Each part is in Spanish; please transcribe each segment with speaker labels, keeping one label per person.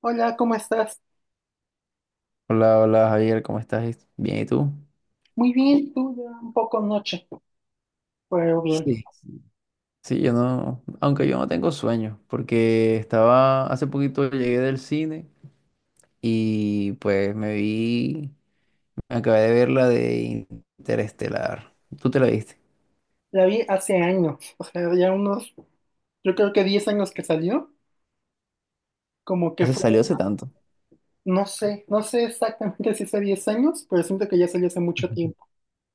Speaker 1: Hola, ¿cómo estás?
Speaker 2: Hola, hola Javier, ¿cómo estás? Bien, ¿y tú?
Speaker 1: Muy bien, tú ya un poco noche, pero bien.
Speaker 2: Sí. Sí, yo no, aunque yo no tengo sueños, porque hace poquito llegué del cine y me acabé de ver la de Interestelar. ¿Tú te la viste?
Speaker 1: La vi hace años, o sea, ya unos, yo creo que 10 años que salió, como que
Speaker 2: Hace,
Speaker 1: fue,
Speaker 2: salió hace tanto.
Speaker 1: no sé, no sé exactamente si hace 10 años, pero siento que ya salió hace mucho
Speaker 2: Ujú.
Speaker 1: tiempo.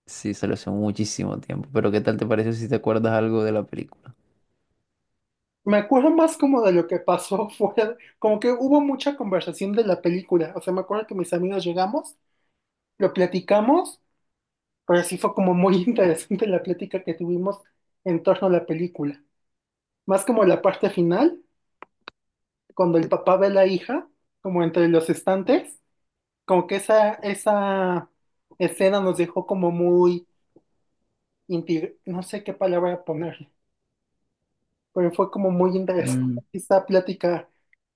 Speaker 2: Sí, salió hace muchísimo tiempo, pero ¿qué tal te pareció si te acuerdas algo de la película?
Speaker 1: Me acuerdo más como de lo que pasó fuera, como que hubo mucha conversación de la película, o sea, me acuerdo que mis amigos llegamos, lo platicamos, pero sí fue como muy interesante la plática que tuvimos en torno a la película, más como la parte final. Cuando el papá ve a la hija, como entre los estantes, como que esa escena nos dejó como muy, no sé qué palabra ponerle, pero fue como muy
Speaker 2: Mm.
Speaker 1: interesante esta plática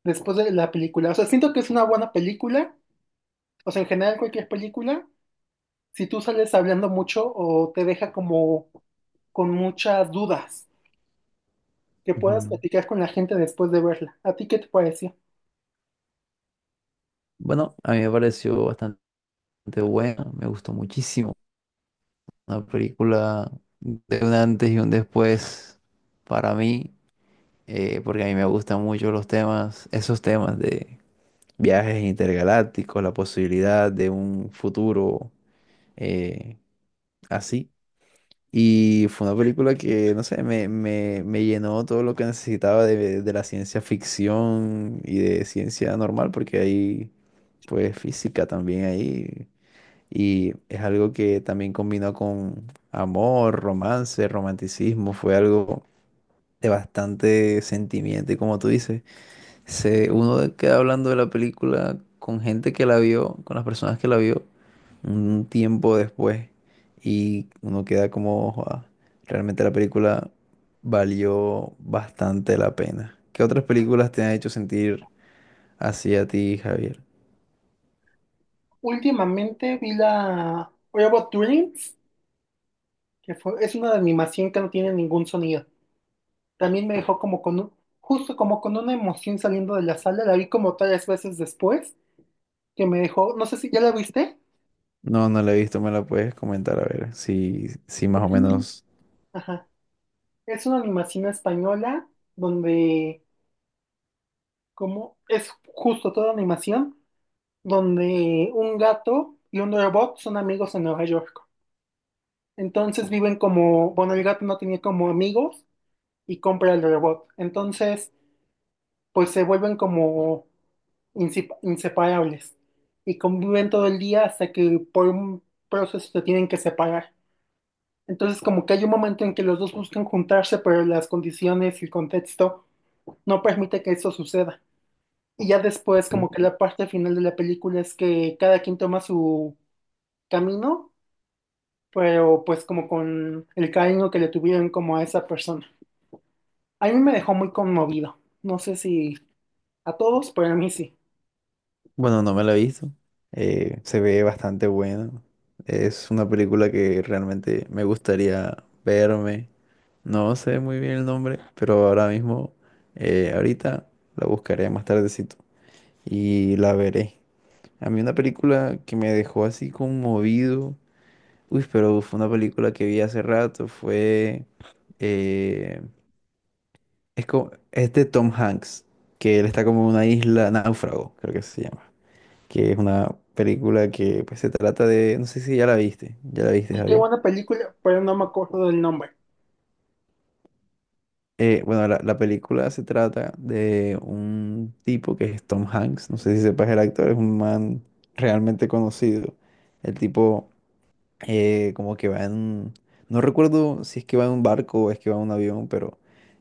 Speaker 1: después de la película. O sea, siento que es una buena película, o sea, en general cualquier película, si tú sales hablando mucho o te deja como con muchas dudas, que puedas
Speaker 2: Ujú.
Speaker 1: platicar con la gente después de verla. ¿A ti qué te pareció?
Speaker 2: Bueno, a mí me pareció bastante buena, me gustó muchísimo. Una película de un antes y un después para mí, porque a mí me gustan mucho los temas, esos temas de viajes intergalácticos, la posibilidad de un futuro, eh, así. Y fue una película que, no sé, me llenó todo lo que necesitaba de la ciencia ficción y de ciencia normal, porque hay, pues, física también ahí, y es algo que también combinó con amor, romance, romanticismo. Fue algo de bastante sentimiento. Y como tú dices, uno queda hablando de la película con gente que la vio, con las personas que la vio, un tiempo después. Y uno queda como, "Joda, realmente la película valió bastante la pena". ¿Qué otras películas te han hecho sentir así a ti, Javier?
Speaker 1: Últimamente vi la Robot Dreams es una animación que no tiene ningún sonido. También me dejó como con justo como con una emoción saliendo de la sala, la vi como tres veces después, que me dejó, no sé si ya la viste.
Speaker 2: No, no la he visto, me la puedes comentar a ver si más o
Speaker 1: No.
Speaker 2: menos.
Speaker 1: Ajá. Es una animación española donde, como es justo toda animación, donde un gato y un robot son amigos en Nueva York. Entonces viven como, bueno, el gato no tenía como amigos y compra el robot. Entonces, pues se vuelven como inseparables y conviven todo el día hasta que por un proceso se tienen que separar. Entonces, como que hay un momento en que los dos buscan juntarse, pero las condiciones y el contexto no permite que eso suceda. Y ya después, como que la parte final de la película es que cada quien toma su camino, pero pues como con el cariño que le tuvieron como a esa persona. A mí me dejó muy conmovido. No sé si a todos, pero a mí sí.
Speaker 2: Bueno, no me la he visto. Se ve bastante buena. Es una película que realmente me gustaría verme. No sé muy bien el nombre, pero ahora mismo, ahorita la buscaré más tardecito y la veré. A mí una película que me dejó así conmovido. Uy, pero fue una película que vi hace rato. Eh, es de Tom Hanks, que él está como en una isla náufrago, creo que se llama. Que es una película que, pues, se trata de, no sé si ya la viste, ya la viste,
Speaker 1: Y qué
Speaker 2: Javier.
Speaker 1: buena película, pero no me acuerdo del nombre.
Speaker 2: Bueno, la película se trata de un tipo que es Tom Hanks, no sé si sepas el actor, es un man realmente conocido. El tipo, como que va en, no recuerdo si es que va en un barco o es que va en un avión, pero,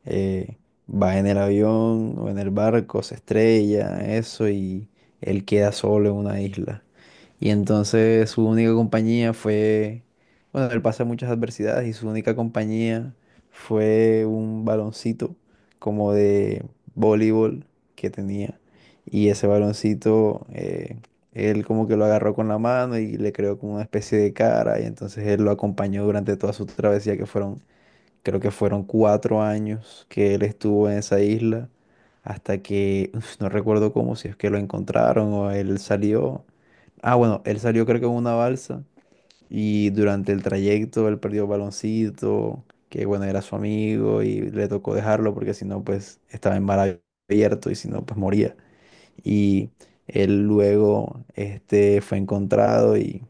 Speaker 2: eh, va en el avión o en el barco, se estrella, eso, y él queda solo en una isla. Y entonces su única compañía fue, bueno, él pasa muchas adversidades y su única compañía fue un baloncito como de voleibol que tenía. Y ese baloncito, él como que lo agarró con la mano y le creó como una especie de cara, y entonces él lo acompañó durante toda su travesía que fueron, creo que fueron cuatro años que él estuvo en esa isla, hasta que, uf, no recuerdo cómo, si es que lo encontraron o él salió. Ah, bueno, él salió creo que en una balsa y durante el trayecto él perdió el baloncito, que, bueno, era su amigo y le tocó dejarlo porque si no, pues, estaba en mar abierto y si no, pues, moría. Y él luego, este, fue encontrado y,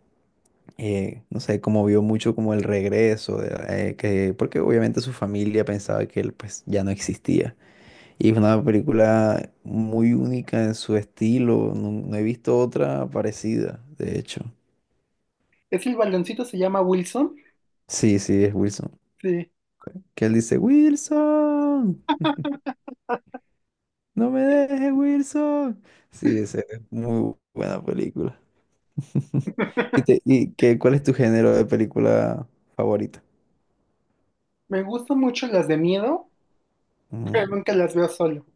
Speaker 2: no sé, como vio mucho como el regreso, porque obviamente su familia pensaba que él, pues, ya no existía. Y es una película muy única en su estilo, no he visto otra parecida, de hecho.
Speaker 1: Es el baloncito, se llama Wilson.
Speaker 2: Sí, sí, es Wilson.
Speaker 1: Sí.
Speaker 2: Que él dice, "Wilson, no me dejes, Wilson". Sí, esa es muy buena película. ¿Y, cuál es tu género de película favorita?
Speaker 1: Me gustan mucho las de miedo,
Speaker 2: Mm.
Speaker 1: pero nunca las veo solo.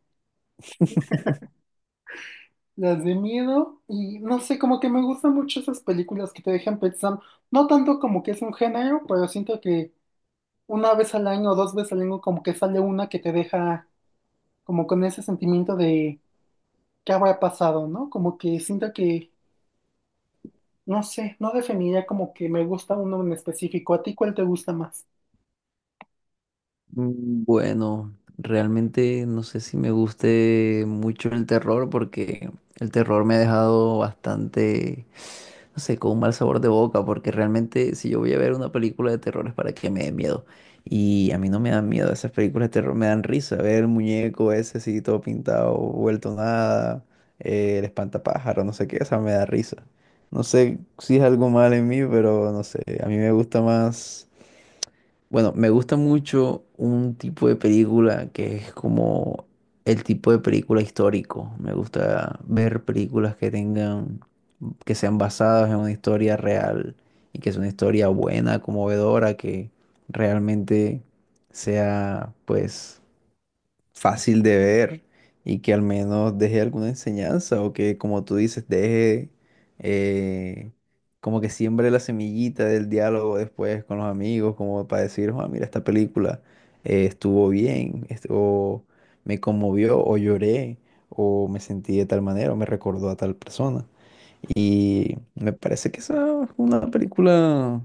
Speaker 1: Las de miedo y no sé, como que me gustan mucho esas películas que te dejan pensando, no tanto como que es un género, pero siento que una vez al año o dos veces al año como que sale una que te deja como con ese sentimiento de qué habrá pasado, ¿no? Como que siento que, no sé, no definiría como que me gusta uno en específico. ¿A ti cuál te gusta más?
Speaker 2: Mm. Bueno, realmente no sé si me guste mucho el terror, porque el terror me ha dejado bastante, no sé, con un mal sabor de boca, porque realmente si yo voy a ver una película de terror es para que me dé miedo, y a mí no me dan miedo, esas películas de terror me dan risa, ver el muñeco ese así todo pintado, vuelto nada, el espantapájaro, no sé qué, esa me da risa. No sé si es algo mal en mí, pero no sé, a mí me gusta más, bueno, me gusta mucho un tipo de película que es como el tipo de película histórico. Me gusta ver películas que tengan, que sean basadas en una historia real, y que es una historia buena, conmovedora, que realmente sea, pues, fácil de ver, y que al menos deje alguna enseñanza, o que, como tú dices, deje, eh, como que siembre la semillita del diálogo después con los amigos, como para decir, "Joa, mira, esta película, estuvo bien, o me conmovió, o lloré, o me sentí de tal manera, o me recordó a tal persona". Y me parece que esa es una película,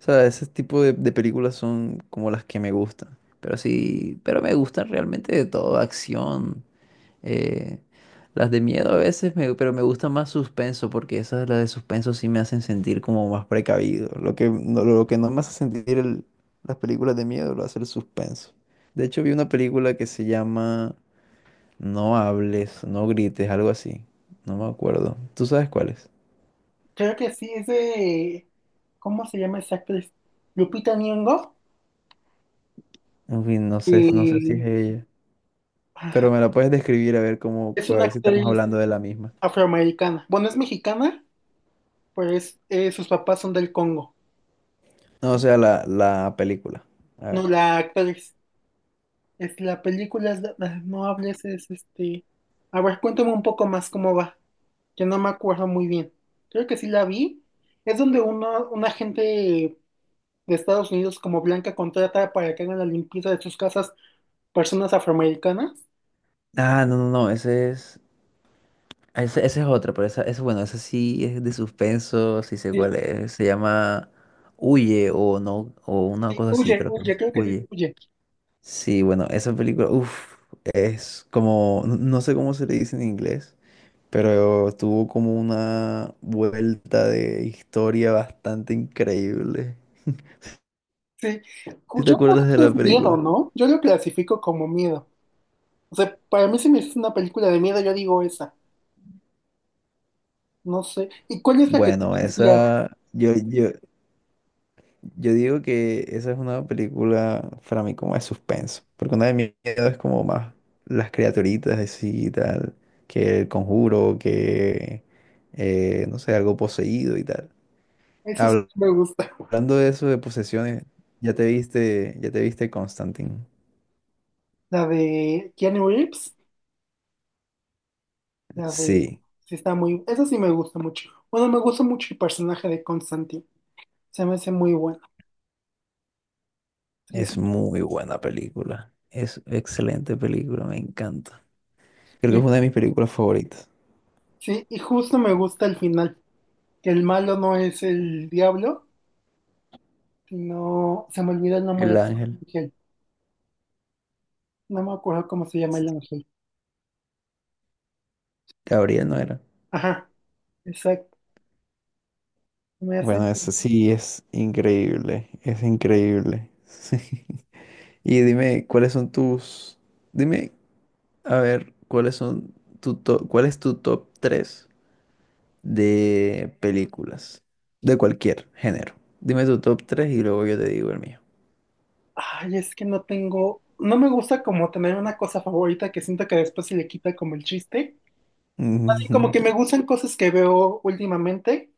Speaker 2: o sea, ese tipo de películas son como las que me gustan. Pero sí, pero me gustan realmente de todo, acción, eh, las de miedo a veces, pero me gusta más suspenso, porque esas, las de suspenso sí me hacen sentir como más precavido. Lo que no me hace sentir las películas de miedo lo hace el suspenso. De hecho, vi una película que se llama No hables, no grites, algo así. No me acuerdo. ¿Tú sabes cuál es?
Speaker 1: Creo que sí, es de, ¿cómo se llama esa actriz? Lupita Nyong'o,
Speaker 2: En fin, no sé, no sé si es
Speaker 1: y
Speaker 2: ella. Pero me
Speaker 1: ah,
Speaker 2: la puedes describir a ver cómo,
Speaker 1: es
Speaker 2: a
Speaker 1: una
Speaker 2: ver si estamos
Speaker 1: actriz
Speaker 2: hablando de la misma.
Speaker 1: afroamericana. Bueno, es mexicana, pero es, sus papás son del Congo.
Speaker 2: No, o sea, la película. A
Speaker 1: No,
Speaker 2: ver.
Speaker 1: la actriz. Es la película, es no hables, es este... A ver, cuéntame un poco más cómo va, que no me acuerdo muy bien. Creo que sí la vi. Es donde uno, un agente de Estados Unidos como Blanca contrata para que hagan la limpieza de sus casas personas afroamericanas.
Speaker 2: Ah, no, no, no, ese es. Ese es otro, pero esa, ese, bueno, ese sí es de suspenso, sí sé
Speaker 1: Sí,
Speaker 2: cuál es. Se llama Huye o no, o una
Speaker 1: sí,
Speaker 2: cosa así,
Speaker 1: huye,
Speaker 2: creo que
Speaker 1: huye,
Speaker 2: es.
Speaker 1: creo que sí,
Speaker 2: Huye.
Speaker 1: huye.
Speaker 2: Sí, bueno, esa película, uff, es como, no, no sé cómo se le dice en inglés, pero tuvo como una vuelta de historia bastante increíble.
Speaker 1: Sí.
Speaker 2: ¿Sí te
Speaker 1: Yo creo
Speaker 2: acuerdas de
Speaker 1: que
Speaker 2: la
Speaker 1: es miedo,
Speaker 2: película?
Speaker 1: ¿no? Yo lo clasifico como miedo. O sea, para mí si me dices una película de miedo, yo digo esa. No sé. ¿Y cuál es la que tú
Speaker 2: Bueno,
Speaker 1: me decías?
Speaker 2: esa, yo digo que esa es una película para mí como de suspenso, porque una de mis miedo es como más las criaturitas así y tal, que el conjuro, que, no sé, algo poseído y tal.
Speaker 1: Eso sí
Speaker 2: Habl-
Speaker 1: me gusta.
Speaker 2: Hablando de eso, de posesiones, ya te viste Constantine.
Speaker 1: La de Keanu Reeves. La de...
Speaker 2: Sí,
Speaker 1: Sí, está muy... Eso sí me gusta mucho. Bueno, me gusta mucho el personaje de Constantine. Se me hace muy bueno. Sí,
Speaker 2: es
Speaker 1: sí.
Speaker 2: muy buena película, es excelente película, me encanta. Creo que
Speaker 1: Y,
Speaker 2: es una de mis películas favoritas.
Speaker 1: sí, y justo me gusta el final. Que el malo no es el diablo, sino... Se me olvidó el
Speaker 2: El
Speaker 1: nombre.
Speaker 2: Ángel,
Speaker 1: No me acuerdo cómo se llama el ángel.
Speaker 2: Gabriel, no era.
Speaker 1: Ajá, exacto. Me hace.
Speaker 2: Bueno, eso sí es increíble, es increíble. Y dime, ¿cuáles son tus, dime, a ver, ¿cuáles son cuál es tu top 3 de películas de cualquier género? Dime tu top 3 y luego yo te digo el mío.
Speaker 1: Ay, es que no tengo. No me gusta como tener una cosa favorita que siento que después se le quita como el chiste. Así como
Speaker 2: Ujú.
Speaker 1: que me gustan cosas que veo últimamente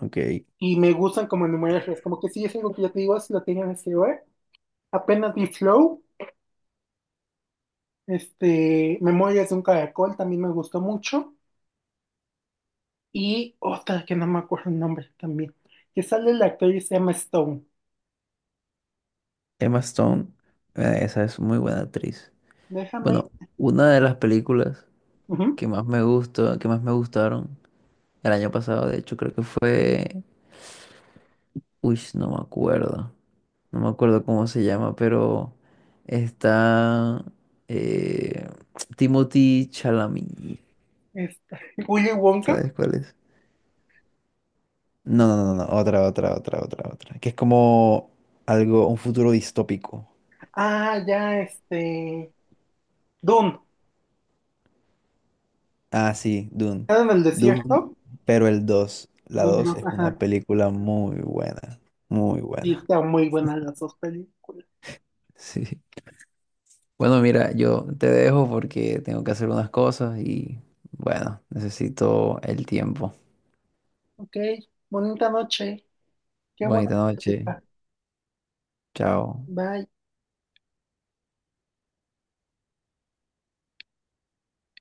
Speaker 2: Ok.
Speaker 1: y me gustan como enumerarlas. Como que sí es algo que ya te digo, si lo tenía en este lugar. Apenas vi Flow, este, Memorias de un Caracol también me gustó mucho. Y otra que no me acuerdo el nombre también. Que sale el actor y se llama Stone.
Speaker 2: Emma Stone, esa es muy buena actriz.
Speaker 1: Déjame.
Speaker 2: Bueno, una de las películas
Speaker 1: Ujú.
Speaker 2: que más me gustaron el año pasado, de hecho, creo que fue, uy, no me acuerdo. No me acuerdo cómo se llama, pero está, eh, Timothy Chalamet.
Speaker 1: Esta. Willy Wonka.
Speaker 2: ¿Sabes cuál es? No, no, no, no, otra, otra, otra, otra, otra. Que es como algo, un futuro distópico.
Speaker 1: Ah, ya, este. Dune.
Speaker 2: Ah, sí, Dune.
Speaker 1: ¿Era en el
Speaker 2: Dune,
Speaker 1: desierto?
Speaker 2: pero el 2, la
Speaker 1: Dune
Speaker 2: 2
Speaker 1: 2,
Speaker 2: es una
Speaker 1: ajá.
Speaker 2: película muy buena, muy
Speaker 1: Sí,
Speaker 2: buena.
Speaker 1: están muy buenas las dos películas.
Speaker 2: Sí. Bueno, mira, yo te dejo porque tengo que hacer unas cosas y, bueno, necesito el tiempo.
Speaker 1: Ok, bonita noche. Qué buena
Speaker 2: Bonita noche.
Speaker 1: plática.
Speaker 2: Chao.
Speaker 1: Bye.